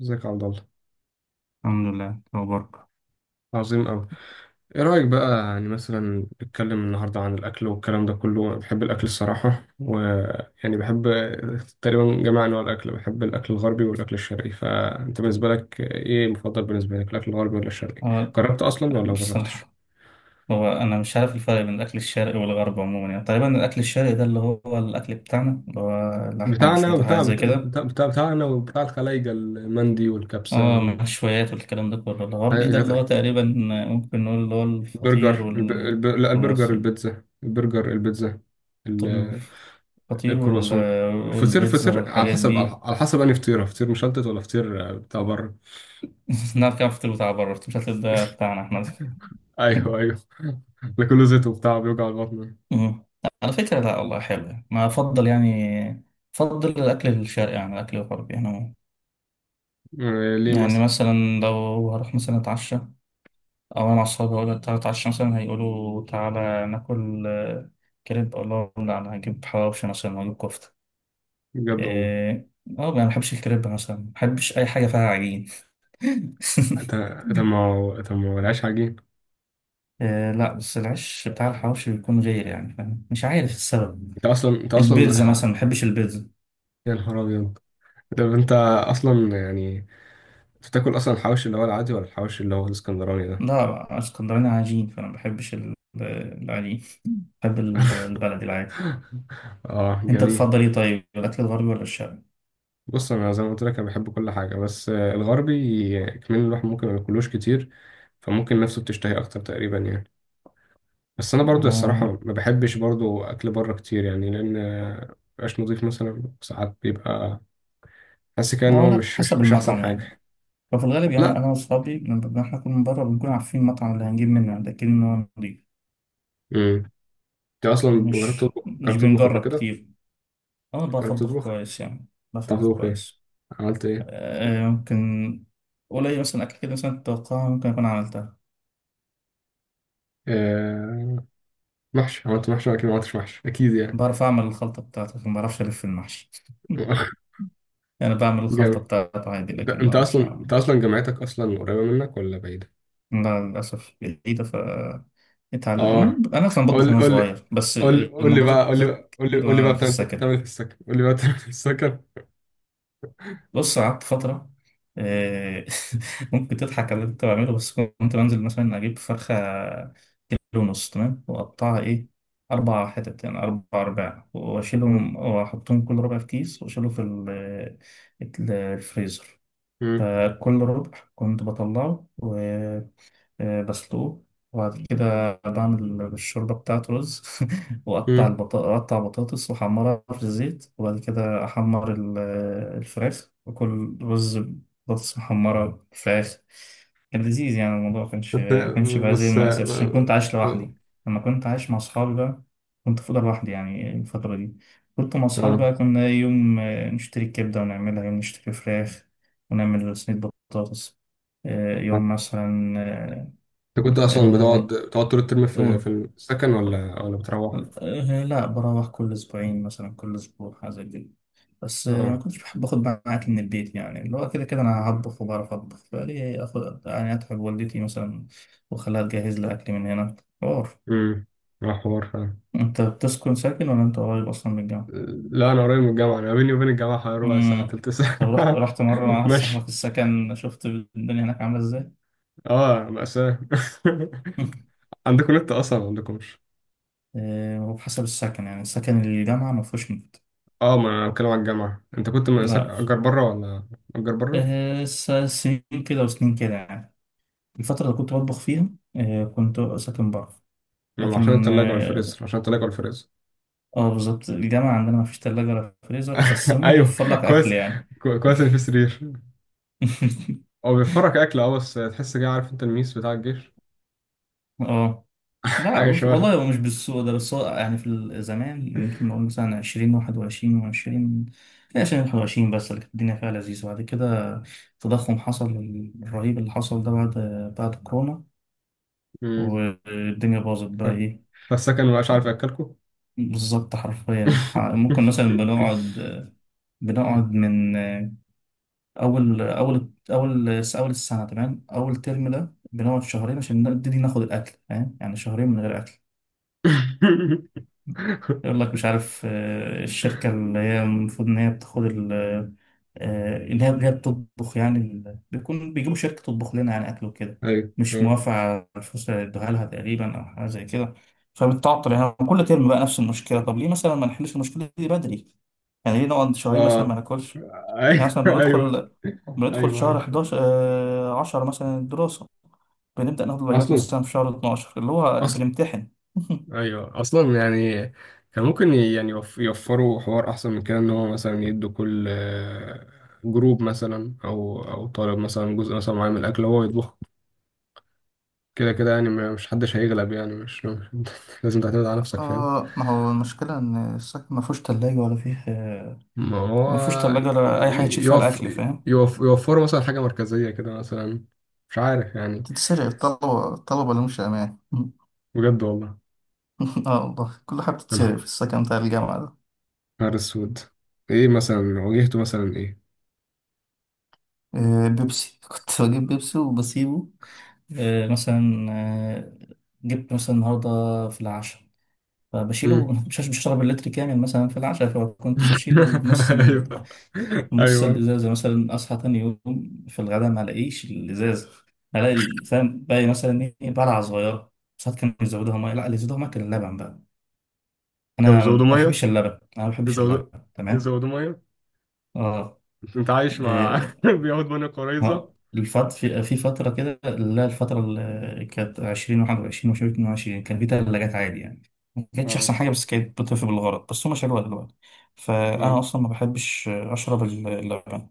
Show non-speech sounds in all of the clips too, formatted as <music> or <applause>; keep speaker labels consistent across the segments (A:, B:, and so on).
A: ازيك يا عبد الله؟
B: الحمد لله. أخبارك؟
A: عظيم أوي. إيه رأيك بقى يعني مثلا نتكلم النهاردة عن الأكل والكلام ده كله؟ أنا بحب الأكل الصراحة، ويعني بحب تقريبا جميع أنواع الأكل، بحب الأكل الغربي والأكل الشرقي. فأنت بالنسبة لك إيه مفضل بالنسبة لك، الأكل الغربي ولا الشرقي؟
B: هو
A: جربت أصلا ولا ما جربتش؟
B: بصراحة، هو أنا مش عارف الفرق بين الأكل الشرقي والغربي عموما، يعني تقريبا الأكل الشرقي ده اللي هو الأكل بتاعنا اللي هو اللحمة
A: بتاعنا
B: ومشويات
A: وبتاع
B: وحاجات زي كده.
A: بتاع بتاع بتاعنا وبتاع الخلايجة المندي والكبسة
B: اه، مشويات والكلام ده كله. الغربي ده اللي هو
A: والحاجات.
B: تقريبا ممكن نقول اللي هو الفطير
A: البرجر لا، البرجر،
B: والكرواسون.
A: البيتزا، البرجر، البيتزا،
B: طب الفطير
A: الكرواسون. الفطير،
B: والبيتزا
A: فطير على
B: والحاجات
A: حسب، على
B: دي.
A: على حسب انهي فطيره، فطير مشلتت ولا فطير، بتاع بره.
B: <laughs> نعرف كام فطير بتاع بره، بس مش هتلاقي ده بتاعنا احنا.
A: ايوه، ايوه. <laughs> ده كله زيت وبتاع بيوجع البطن.
B: مم. على فكرة، لا والله حلو يعني. ما أفضل يعني أفضل الأكل الشرقي عن الأكل الغربي أنا.
A: ليه
B: يعني
A: مثلا؟
B: مثلا لو هروح مثلا أتعشى أو أنا مع أصحابي أقول تعالى أتعشى مثلا، هيقولوا تعالى ناكل كريب. أقول لهم لا، أنا هجيب حواوشي مثلا وأجيب كفتة.
A: بجد والله.
B: إيه، ما بحبش الكريب مثلا، ما بحبش أي حاجة فيها عجين. <laughs>
A: انت ما هو، العيش عجين.
B: آه لا، بس العيش بتاع الحواوشي بيكون غير يعني، فاهم، مش عارف السبب.
A: انت اصلا انت اصلا
B: البيتزا
A: الح-
B: مثلا ما بحبش البيتزا.
A: يا نهار ابيض! طب انت اصلا يعني، بتاكل اصلا الحواوشي اللي هو العادي ولا الحواوشي اللي هو الاسكندراني ده؟
B: لا، اسكندراني عجين، فانا ما بحبش العجين. بحب البلد
A: <laughs>
B: العادي.
A: اه،
B: انت
A: جميل.
B: تفضل ايه طيب، الاكل الغربي ولا الشرقي؟
A: بص انا زي ما قلت لك انا بحب كل حاجه، بس الغربي. كمان الواحد ممكن ما ياكلوش كتير، فممكن نفسه بتشتهي اكتر تقريبا يعني. بس انا برضو الصراحه
B: آه
A: ما بحبش برضو اكل بره كتير، يعني لان مبقاش نضيف مثلا، ساعات بيبقى حاسس كده
B: لا
A: ان هو
B: لا،
A: مش مش
B: حسب
A: مش احسن
B: المطعم يعني.
A: حاجه.
B: ففي الغالب يعني
A: لا.
B: انا واصحابي لما احنا نكون من بره، بنكون عارفين المطعم اللي هنجيب منه، لكن إنه نضيف.
A: امم. انت اصلا جربت
B: مش
A: تطبخ،
B: مش
A: جربت تطبخ قبل
B: بنجرب
A: كده؟
B: كتير. انا
A: جربت
B: بطبخ
A: تطبخ؟
B: كويس يعني.
A: بتعرف
B: بطبخ
A: تطبخ ايه؟
B: كويس.
A: عملت ايه؟
B: آه ممكن. قليل مثلا اكل كده مثلا تتوقعها ممكن اكون عملتها.
A: آه. محشي؟ عملت محشي اكيد، ما عملتش محشي اكيد يعني.
B: بعرف اعمل الخلطه بتاعتي، لكن ما بعرفش الف المحشي. <laughs>
A: <laughs>
B: أنا بعمل الخلطة
A: جامد.
B: بتاعته عادي،
A: انت
B: لكن ما
A: انت
B: أعرفش
A: اصلا
B: أعمل.
A: انت اصلا جامعتك اصلا قريبه منك ولا بعيده؟
B: لا، للأسف بعيدة،
A: اه.
B: اتعلم أنا أصلا بطبخ
A: قول
B: وأنا
A: قول لي
B: صغير بس.
A: قول لي، قول لي
B: الموضوع
A: بقى،
B: زاد
A: قول لي بقى،
B: زاد
A: قول لي،
B: كتير
A: قول لي بقى،
B: وأنا في
A: بتعمل
B: السكن.
A: إيه في السكر؟ قول لي بقى بتعمل إيه في السكر؟
B: بص قعدت فترة. آه، <laughs> ممكن تضحك على اللي كنت بعمله، بس كنت بنزل مثلا أجيب فرخة 1.5 كيلو تمام، وأقطعها إيه أربع حتت يعني أربع أرباع، وأشيلهم وأحطهم كل ربع في كيس وأشيله في الفريزر.
A: مم.
B: فكل ربع كنت بطلعه بسلقه، وبعد كده بعمل الشوربة بتاعته رز. <laughs> وأقطع
A: مم.
B: أقطع بطاطس وأحمرها في الزيت، وبعد كده أحمر الفراخ وكل رز بطاطس محمرة فراخ. كان لذيذ يعني، الموضوع مكانش
A: بس.
B: مكانش بقى زي
A: بس،
B: المأساة عشان كنت
A: اه.
B: عايش لوحدي. لما كنت عايش مع أصحابي بقى، كنت في أوضة لوحدي يعني الفترة دي. كنت مع أصحابي
A: آه.
B: بقى كنا يوم نشتري كبدة، ونعملها يوم نشتري فراخ ونعمل صينية بطاطس. يوم مثلا
A: انت كنت اصلا بتقعد
B: آه،
A: بتقعد طول الترم في
B: قول.
A: السكن ولا بتروح؟
B: لا، بروح كل أسبوعين مثلا، كل أسبوع حاجة زي كده. بس ما
A: اه.
B: كنتش بحب آخد معاك من البيت، يعني اللي هو كده كده أنا هطبخ وبعرف أطبخ، فليه آخد يعني أتعب والدتي مثلا وأخليها تجهز لي أكل من هنا. حوار.
A: امم. اه، حوار فعلا.
B: أنت بتسكن ساكن ولا أنت قريب أصلا من الجامعة؟
A: لا انا قريب من الجامعه، انا بيني وبين الجامعه حوالي ربع ساعه
B: مم.
A: تلت
B: طب، رحت
A: ساعه.
B: رحت مرة مع
A: <laughs>
B: واحد
A: ماشي.
B: صاحبك السكن، شفت الدنيا هناك عاملة إزاي؟
A: اه، مأساة. <laughs>
B: <laughs>
A: عندكم نت اصلا ما عندكمش؟
B: آه، وبحسب السكن يعني، السكن الجامعة ما فيهوش نت.
A: اه، ما انا بتكلم على الجامعة. انت كنت من
B: لا،
A: اجر بره ولا اجر بره؟
B: سنين كده وسنين كده يعني، الفترة اللي كنت بطبخ فيها كنت ساكن بره.
A: ما عشان
B: لكن
A: التلاجة والفريزر، عشان التلاجة والفريزر.
B: بالظبط الجامعة عندنا ما فيش تلاجة ولا فريزر، بس
A: <laughs>
B: هما
A: ايوه،
B: بيوفر لك أكل
A: كويس.
B: يعني.
A: كويس ان في سرير.
B: <laughs>
A: هو بيوفرك اكل، اه، بس تحس كده عارف انت الميس بتاع الجيش.
B: اه
A: <laughs>
B: لا،
A: حاجة
B: بص والله
A: شبهها.
B: هو مش بالسوء ده، بس هو يعني في زمان ممكن نقول مثلا عشرين واحد وعشرين وعشرين. عشرين واحد وعشرين، بس اللي كانت الدنيا فيها لذيذة. بعد كده التضخم حصل، الرهيب اللي حصل ده بعد كورونا.
A: امم.
B: والدنيا باظت
A: ف-
B: بقى ايه.
A: فالسكن مبقاش عارف ياكلكوا.
B: بالظبط حرفيا ممكن مثلا بنقعد من أول أول أول أول السنة تمام، أول ترم ده بنقعد شهرين عشان نبتدي ناخد الأكل فاهم، يعني شهرين من غير أكل. يقول لك مش عارف الشركة اللي هي المفروض إن هي بتاخد اللي هي بتطبخ يعني بيكون بيجيبوا شركة تطبخ لنا يعني أكل وكده.
A: <laughs> ايوه،
B: مش
A: اه.
B: موافقة على الفلوس اللي ادوها لها تقريبا أو حاجة زي كده. فبتعطل يعني كل ترم بقى نفس المشكلة. طب ليه مثلا ما نحلش المشكلة دي بدري؟ يعني ليه نقعد شهرين مثلا
A: اه.
B: ما ناكلش؟
A: <laughs>
B: يعني
A: ايوه،
B: مثلا
A: ايوه.
B: بندخل
A: ايوه،
B: شهر
A: ايوه،
B: 11 آه 10 مثلا الدراسة، بنبدأ ناخد الواجبات
A: اصلا
B: مثلا في شهر 12 اللي هو
A: اصلا
B: بنمتحن. <laughs>
A: ايوه اصلا يعني، كان ممكن يعني يوفروا حوار احسن من كده، ان هو مثلا يدوا كل جروب مثلا او طالب مثلا جزء مثلا معين من الاكل هو يطبخ، كده كده يعني مش حدش هيغلب يعني <laughs> لازم تعتمد على نفسك، فاهم.
B: آه، ما هو المشكلة إن السكن ما فيهوش تلاجة ولا فيه
A: ما هو
B: ما فيهوش تلاجة ولا أي حاجة
A: ي-
B: تشيل فيها
A: يوف
B: الأكل فاهم.
A: يوفروا مثلا حاجه مركزيه كده مثلا، مش عارف يعني.
B: تتسرق، الطلبة اللي مش أمان. <laughs>
A: بجد والله.
B: آه والله كل حاجة
A: انا
B: بتتسرق في السكن بتاع الجامعة ده.
A: نهار اسود. ايه مثلا واجهته مثلا ايه؟
B: آه، بيبسي. <laughs> كنت بجيب بيبسي وبسيبه. مثلا جبت مثلا النهاردة في العشاء
A: مم.
B: فبشيله. <laughs> مش هشرب اللتر كامل مثلا في العشاء، فكنت
A: <laughs>
B: بشيل نص
A: ايوه،
B: نص
A: ايوه.
B: الازازه مثلا. اصحى تاني يوم في الغداء ما الاقيش الازازه، الاقي فاهم، باقي مثلا ايه بلعه صغيره. ساعات كانوا يزودوها ميه، لا، اللي يزودوها ميه كان اللبن بقى.
A: يا
B: انا
A: زودوا
B: ما
A: ميه،
B: بحبش اللبن، انا ما بحبش اللبن.
A: يزودوا
B: تمام.
A: يزودوا ميه.
B: اه
A: انت عايش مع،
B: آه،
A: <laughs> بياخد ميه قريظه.
B: ها، الفت في فترة كده. لا، الفترة اللي كانت 20 21 وشوية 22 كان في تلاجات عادي يعني. ما كانتش أحسن
A: اه.
B: حاجة، بس كانت بتطفي بالغرض، بس هما شالوها دلوقتي. فأنا
A: اه.
B: أصلا ما بحبش أشرب اللبن.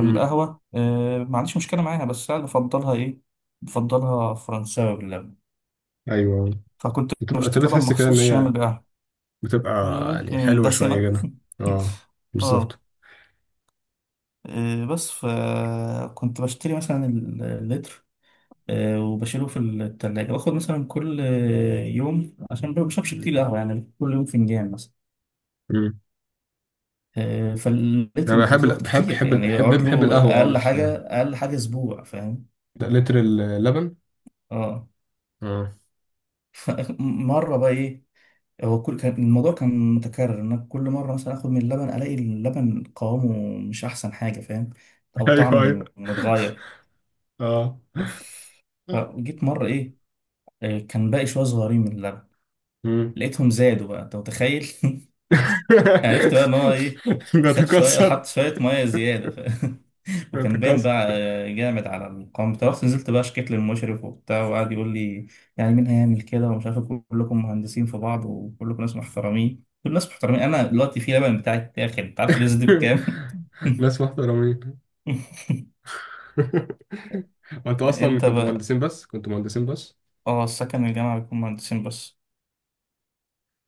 A: امم.
B: ما عنديش مشكلة معاها، بس أنا بفضلها فرنساوي باللبن.
A: ايوه.
B: فكنت
A: بتبقى
B: بشتري
A: تبقى
B: لبن
A: تحس كده
B: مخصوص
A: ان
B: عشان أعمل
A: هي
B: بقى
A: بتبقى، يعني
B: ممكن
A: حلوه شويه
B: دسمة.
A: كده. اه.
B: <laughs> اه
A: بالظبط.
B: إيه، بس فكنت بشتري مثلا اللتر، وبشيله في التلاجة، باخد مثلا كل يوم، عشان ما بشربش كتير قهوة يعني كل يوم فنجان مثلا.
A: امم.
B: فلقيت
A: انا بحب
B: المفضلات كتير يعني يقعد
A: بحب
B: له
A: القهوه، اه.
B: أقل
A: بس
B: حاجة أقل حاجة أسبوع فاهم.
A: ده لتر اللبن.
B: اه
A: اه.
B: مرة بقى إيه، هو كان الموضوع كان متكرر إن أنا كل مرة مثلا آخد من اللبن، ألاقي اللبن قوامه مش أحسن حاجة فاهم،
A: <laughs>
B: أو
A: ايوه، ايوه.
B: طعمه متغير.
A: اه.
B: ف- فجيت مرة إيه، كان باقي شوية صغيرين من اللبن،
A: امم.
B: لقيتهم زادوا بقى، أنت متخيل. <laughs> عرفت بقى ان هو ايه،
A: <laughs>
B: خد شويه،
A: بتكسر.
B: حط شويه ميه زياده <laughs> وكان باين
A: بتكسر.
B: بقى جامد على القوام بتاعه. رحت نزلت بقى شكيت للمشرف وبتاع، وقعد يقول لي يعني مين هيعمل كده ومش عارف إيه، كلكم مهندسين في بعض وكلكم ناس محترمين، كل الناس محترمين، انا دلوقتي في لبن بتاعي اتاخد، انت عارف الريز دي بكام.
A: <laughs> ناس محترمين. <laughs>
B: <laughs>
A: وانتوا اصلا
B: انت
A: كنتوا
B: بقى
A: مهندسين بس، كنتوا مهندسين بس.
B: اه، السكن الجامعه بيكون مهندسين بس.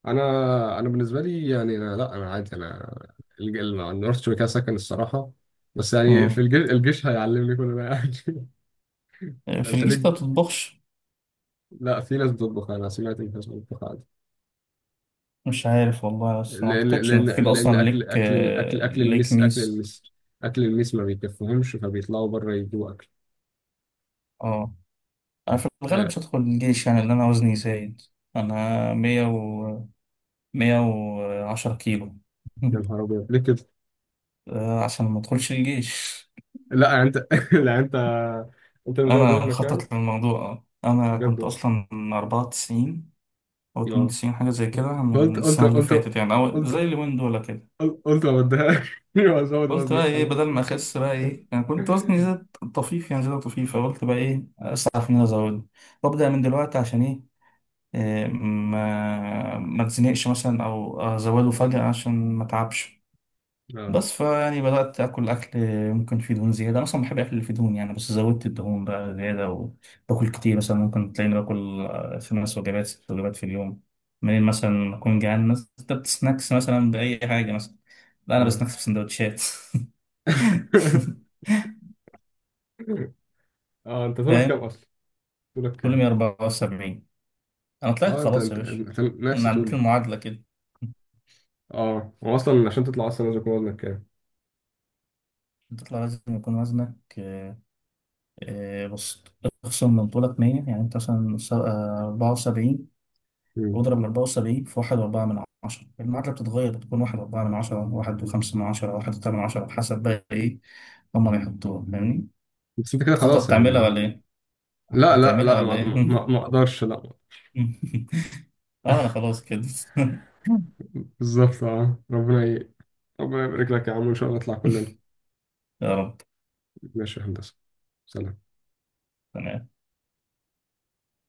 A: انا بالنسبه لي يعني أنا، لا انا عادي. انا الج- ال- نورث شركه سكن الصراحه. بس يعني في
B: مم.
A: الجيش، الجيش هيعلمني كل ده يعني. <laughs>
B: في
A: انت
B: الجيش
A: ليك؟
B: ده بتطبخش؟
A: لا، في ناس بتطبخ، انا سمعت ان في ناس بتطبخ عادي.
B: مش عارف والله، بس ما
A: لان
B: اعتقدش
A: لان
B: ان كده
A: لان
B: اصلا ليك ليك ميس.
A: اكل المس ما بيكفهمش، فبيطلعوا بره يجيبوا اكل.
B: اه، انا في الغالب
A: آه.
B: مش هدخل الجيش يعني لان انا وزني زايد. انا 110 كيلو.
A: يا
B: <laughs>
A: نهار ابيض، ليه كده؟
B: عشان ما ادخلش الجيش.
A: لا يعني انت، <laughs> لا انت، انت مزود ده
B: انا
A: في مكان.
B: مخطط للموضوع، انا
A: بجد
B: كنت
A: والله.
B: اصلا 94 او اتنين
A: اه.
B: وتسعين حاجة زي كده
A: قلت
B: من
A: قلت
B: السنة اللي فاتت
A: قلت
B: يعني، او زي
A: قلت
B: اليومين دول كده.
A: قلت ما بديهاش، <laughs> وازود
B: قلت بقى
A: وزني
B: ايه بدل
A: خلاص.
B: ما اخس بقى ايه، انا كنت وزني زاد طفيف يعني زيادة طفيفة، قلت بقى ايه اسعى في ان انا ازود وابدا من دلوقتي عشان إيه، ما اتزنقش مثلا او ازوله فجأة عشان ما اتعبش.
A: اه.
B: بس فيعني بدأت اكل اكل. ممكن فيه دهون زيادة، أنا اصلا بحب الاكل اللي فيه دهون يعني، بس زودت الدهون بقى زيادة، وباكل كتير مثلا ممكن تلاقيني باكل 5 وجبات 6 وجبات في اليوم. منين مثلا اكون جعان مثلا كتبت سناكس مثلا بأي حاجة مثلا. لا انا
A: اه.
B: بسناكس بسندوتشات. <laughs>
A: <laughs> اه، انت طولك كام
B: فاهم،
A: اصلا؟ طولك
B: كل
A: كام؟
B: 174. انا طلعت
A: اه،
B: خلاص يا باشا.
A: انت نفس
B: أنا عديت
A: طولي.
B: المعادلة كده.
A: اه، هو اصلا عشان تطلع اصلا لازم يكون وزنك كام؟
B: تطلع لازم يكون وزنك بص، اخصم منطولك 100، يعني انت مثلا 74،
A: مم.
B: واضرب ال 74 في 1.4 من عشرة. المعادلة بتتغير، بتكون 1.4 من عشرة 1.5 من عشرة 1.8 من عشرة بحسب بقى ايه هما بيحطوها فاهمني.
A: بس انت كده
B: هتخطط
A: خلاص
B: تعملها
A: يعني.
B: ولا ايه؟
A: لا، لا،
B: هتعملها
A: لا، ما
B: ولا ايه؟
A: ما ما اقدرش، لا.
B: <laughs> اه انا خلاص كده. <laughs>
A: بالظبط، اه، ربنا يبارك لك يا عم، ان شاء الله نطلع كلنا.
B: يا رب.
A: ماشي يا هندسة. سلام.
B: تمام.